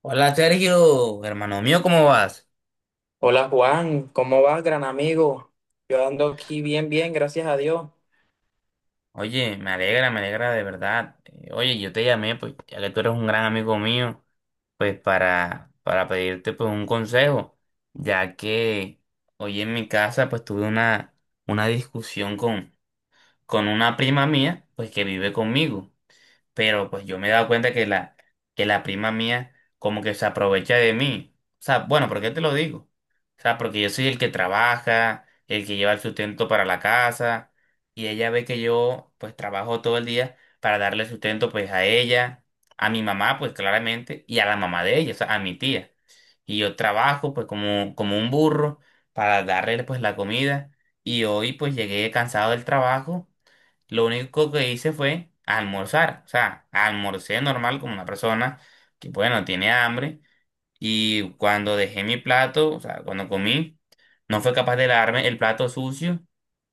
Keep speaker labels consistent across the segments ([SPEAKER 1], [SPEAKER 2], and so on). [SPEAKER 1] Hola Sergio, hermano mío, ¿cómo vas?
[SPEAKER 2] Hola Juan, ¿cómo vas, gran amigo? Yo ando aquí bien, bien, gracias a Dios.
[SPEAKER 1] Oye, me alegra de verdad. Oye, yo te llamé, pues, ya que tú eres un gran amigo mío, pues para pedirte pues un consejo, ya que hoy en mi casa pues tuve una discusión con una prima mía, pues que vive conmigo. Pero pues yo me he dado cuenta que la prima mía como que se aprovecha de mí. O sea, bueno, ¿por qué te lo digo? O sea, porque yo soy el que trabaja, el que lleva el sustento para la casa, y ella ve que yo pues trabajo todo el día para darle sustento pues a ella, a mi mamá pues claramente, y a la mamá de ella, o sea, a mi tía. Y yo trabajo pues como un burro para darle pues la comida. Y hoy pues llegué cansado del trabajo, lo único que hice fue almorzar. O sea, almorcé normal como una persona que, bueno, tiene hambre. Y cuando dejé mi plato, o sea, cuando comí, no fue capaz de lavarme el plato sucio,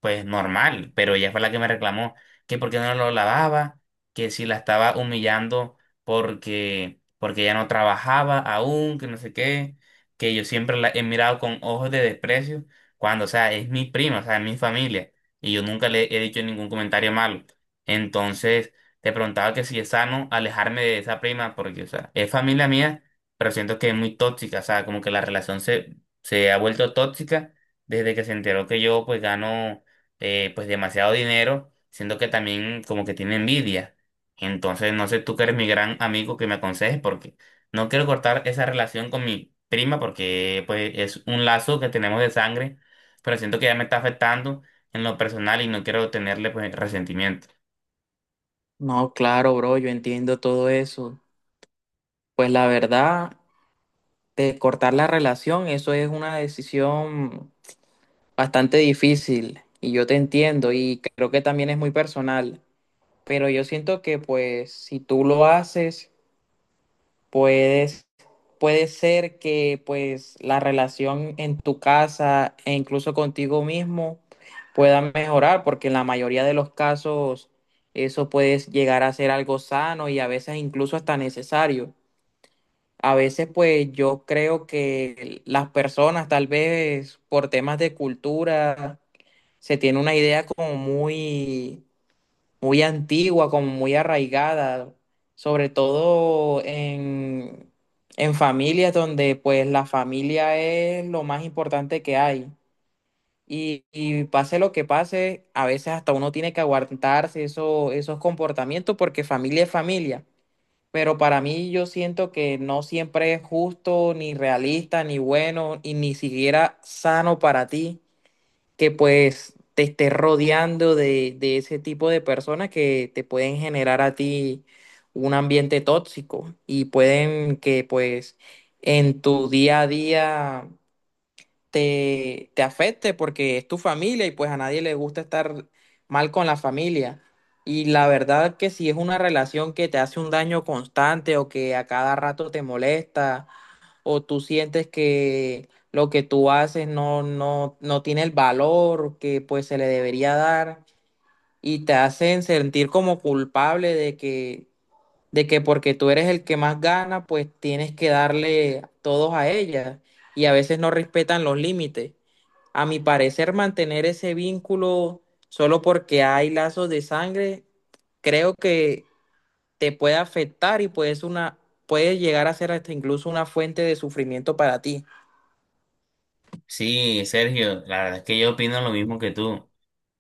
[SPEAKER 1] pues normal, pero ella fue la que me reclamó que por qué no lo lavaba, que si la estaba humillando porque ella no trabajaba aún, que no sé qué, que yo siempre la he mirado con ojos de desprecio, cuando, o sea, es mi prima, o sea, es mi familia, y yo nunca le he dicho ningún comentario malo. Entonces, te preguntaba que si es sano alejarme de esa prima, porque, o sea, es familia mía, pero siento que es muy tóxica, o sea, como que la relación se ha vuelto tóxica desde que se enteró que yo pues gano, pues demasiado dinero, siento que también como que tiene envidia. Entonces, no sé tú que eres mi gran amigo, que me aconsejes, porque no quiero cortar esa relación con mi prima porque pues es un lazo que tenemos de sangre, pero siento que ya me está afectando en lo personal y no quiero tenerle pues resentimiento.
[SPEAKER 2] No, claro, bro, yo entiendo todo eso. Pues la verdad, de cortar la relación, eso es una decisión bastante difícil y yo te entiendo y creo que también es muy personal. Pero yo siento que pues si tú lo haces puedes, puede ser que pues la relación en tu casa e incluso contigo mismo pueda mejorar, porque en la mayoría de los casos eso puede llegar a ser algo sano y a veces incluso hasta necesario. A veces pues yo creo que las personas tal vez por temas de cultura se tiene una idea como muy antigua, como muy arraigada, sobre todo en familias donde pues la familia es lo más importante que hay. Y pase lo que pase, a veces hasta uno tiene que aguantarse esos comportamientos porque familia es familia. Pero para mí yo siento que no siempre es justo, ni realista, ni bueno, y ni siquiera sano para ti que pues te estés rodeando de ese tipo de personas que te pueden generar a ti un ambiente tóxico y pueden que pues en tu día a día te afecte porque es tu familia y pues a nadie le gusta estar mal con la familia. Y la verdad que si es una relación que te hace un daño constante o que a cada rato te molesta o tú sientes que lo que tú haces no tiene el valor que pues se le debería dar y te hacen sentir como culpable de que porque tú eres el que más gana, pues tienes que darle todos a ella y a veces no respetan los límites. A mi parecer, mantener ese vínculo solo porque hay lazos de sangre, creo que te puede afectar y puede ser una, puede llegar a ser hasta incluso una fuente de sufrimiento para ti.
[SPEAKER 1] Sí, Sergio, la verdad es que yo opino lo mismo que tú.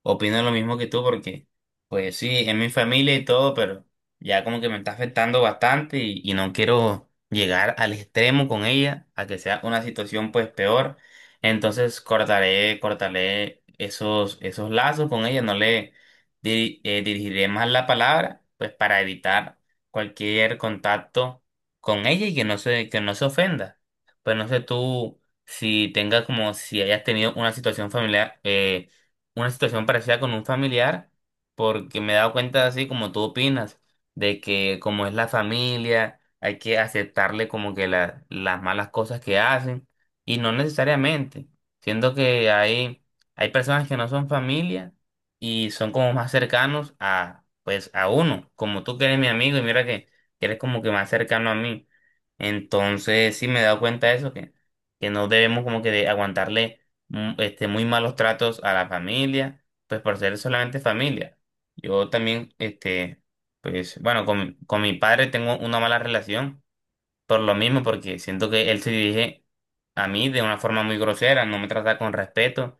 [SPEAKER 1] Opino lo mismo que tú porque, pues sí, es mi familia y todo, pero ya como que me está afectando bastante y no quiero llegar al extremo con ella, a que sea una situación pues peor. Entonces cortaré esos lazos con ella, no le dirigiré más la palabra, pues para evitar cualquier contacto con ella y que no se ofenda. Pues no sé tú si tengas, como si hayas tenido una situación familiar, una situación parecida con un familiar, porque me he dado cuenta, así como tú opinas, de que como es la familia, hay que aceptarle como que las malas cosas que hacen, y no necesariamente. Siento que hay personas que no son familia y son como más cercanos a, pues, a uno, como tú que eres mi amigo y mira que eres como que más cercano a mí. Entonces, sí me he dado cuenta de eso, que no debemos como que de aguantarle, este, muy malos tratos a la familia, pues por ser solamente familia. Yo también, este, pues bueno, con mi padre tengo una mala relación por lo mismo, porque siento que él se dirige a mí de una forma muy grosera, no me trata con respeto,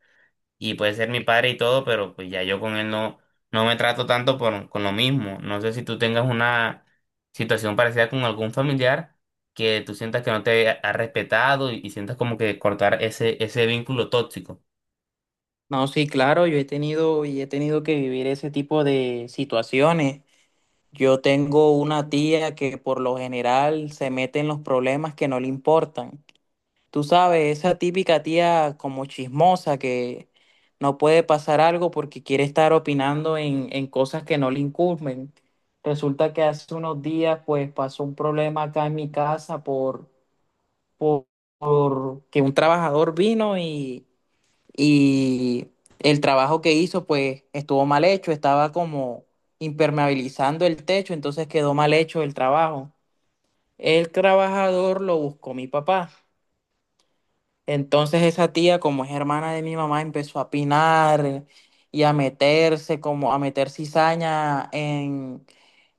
[SPEAKER 1] y puede ser mi padre y todo, pero pues ya yo con él no me trato tanto por, con lo mismo. No sé si tú tengas una situación parecida con algún familiar que tú sientas que no te ha respetado y sientas como que cortar ese vínculo tóxico.
[SPEAKER 2] No, sí, claro, yo he tenido y he tenido que vivir ese tipo de situaciones. Yo tengo una tía que por lo general se mete en los problemas que no le importan. Tú sabes, esa típica tía como chismosa que no puede pasar algo porque quiere estar opinando en cosas que no le incumben. Resulta que hace unos días pues pasó un problema acá en mi casa por, por que un trabajador vino y el trabajo que hizo pues estuvo mal hecho, estaba como impermeabilizando el techo, entonces quedó mal hecho el trabajo. El trabajador lo buscó mi papá. Entonces esa tía, como es hermana de mi mamá, empezó a pinar y a meterse, como a meter cizaña en,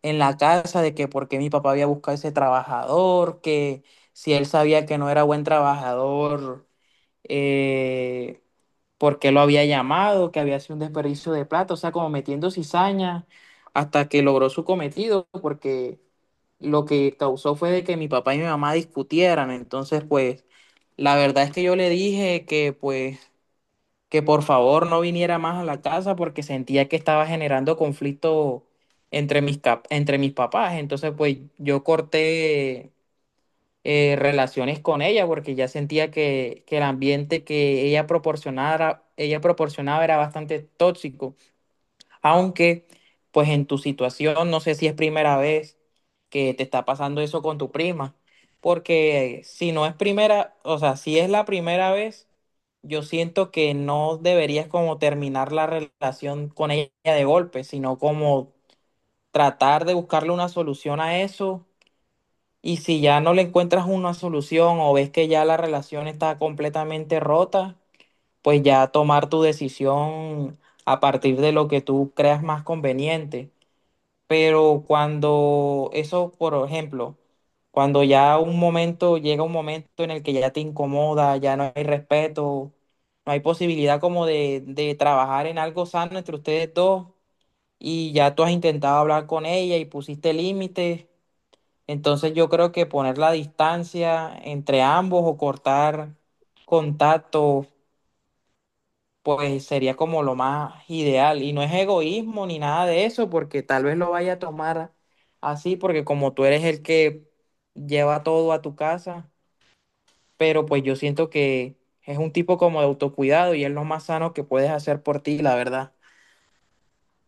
[SPEAKER 2] en la casa de que por qué mi papá había buscado ese trabajador, que si él sabía que no era buen trabajador, eh, por qué lo había llamado, que había sido un desperdicio de plata, o sea, como metiendo cizaña hasta que logró su cometido, porque lo que causó fue de que mi papá y mi mamá discutieran. Entonces, pues, la verdad es que yo le dije que, pues, que por favor no viniera más a la casa porque sentía que estaba generando conflicto entre mis, entre mis papás. Entonces, pues, yo corté relaciones con ella, porque ya sentía que el ambiente que ella proporcionara, ella proporcionaba era bastante tóxico. Aunque, pues en tu situación, no sé si es primera vez que te está pasando eso con tu prima, porque si no es primera, o sea, si es la primera vez, yo siento que no deberías como terminar la relación con ella de golpe, sino como tratar de buscarle una solución a eso y si ya no le encuentras una solución o ves que ya la relación está completamente rota, pues ya tomar tu decisión a partir de lo que tú creas más conveniente. Pero cuando eso, por ejemplo, cuando ya un momento llega un momento en el que ya te incomoda, ya no hay respeto, no hay posibilidad como de trabajar en algo sano entre ustedes dos y ya tú has intentado hablar con ella y pusiste límites, entonces yo creo que poner la distancia entre ambos o cortar contacto, pues sería como lo más ideal. Y no es egoísmo ni nada de eso, porque tal vez lo vaya a tomar así, porque como tú eres el que lleva todo a tu casa, pero pues yo siento que es un tipo como de autocuidado y es lo más sano que puedes hacer por ti, la verdad.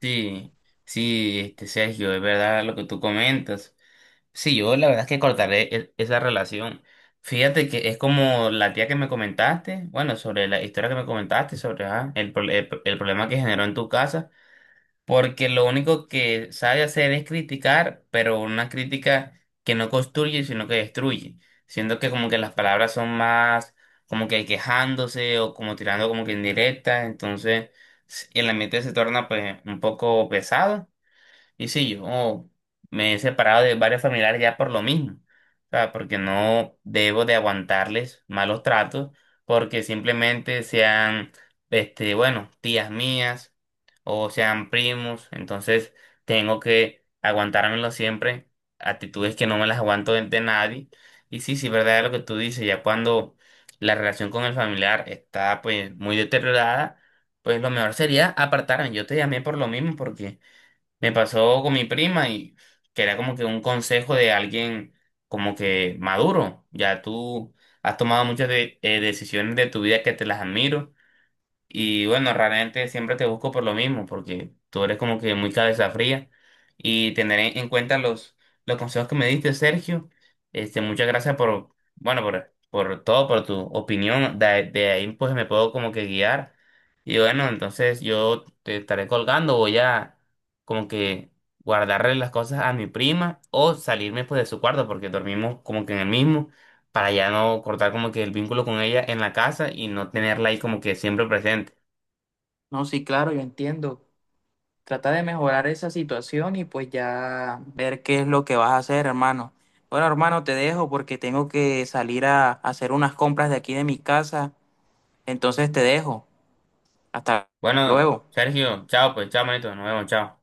[SPEAKER 1] Sí, sí, este, Sergio, es verdad lo que tú comentas. Sí, yo la verdad es que cortaré esa relación. Fíjate que es como la tía que me comentaste, bueno, sobre la historia que me comentaste, sobre ah, el problema que generó en tu casa, porque lo único que sabe hacer es criticar, pero una crítica que no construye, sino que destruye. Siendo que como que las palabras son más como que quejándose o como tirando como que indirectas, entonces el ambiente se torna pues un poco pesado y sí, yo me he separado de varios familiares ya por lo mismo. O sea, porque no debo de aguantarles malos tratos, porque simplemente sean, este, bueno, tías mías o sean primos. Entonces tengo que aguantármelo siempre, actitudes que no me las aguanto de nadie. Y sí, sí, verdad es lo que tú dices, ya cuando la relación con el familiar está pues muy deteriorada, pues lo mejor sería apartarme. Yo te llamé por lo mismo, porque… me pasó con mi prima y que era como que un consejo de alguien como que maduro. Ya tú has tomado muchas decisiones de tu vida que te las admiro. Y bueno, realmente siempre te busco por lo mismo, porque tú eres como que muy cabeza fría. Y tener en cuenta los consejos que me diste, Sergio. Este, muchas gracias por, bueno, por todo, por tu opinión. De ahí pues me puedo como que guiar. Y bueno, entonces yo te estaré colgando, voy a, como que, guardarle las cosas a mi prima o salirme pues de su cuarto, porque dormimos como que en el mismo, para ya no cortar como que el vínculo con ella en la casa y no tenerla ahí como que siempre presente.
[SPEAKER 2] No, sí, claro, yo entiendo. Trata de mejorar esa situación y pues ya ver qué es lo que vas a hacer, hermano. Bueno, hermano, te dejo porque tengo que salir a hacer unas compras de aquí de mi casa. Entonces te dejo. Hasta
[SPEAKER 1] Bueno,
[SPEAKER 2] luego.
[SPEAKER 1] Sergio, chao, pues, chao, manito, nos vemos, chao.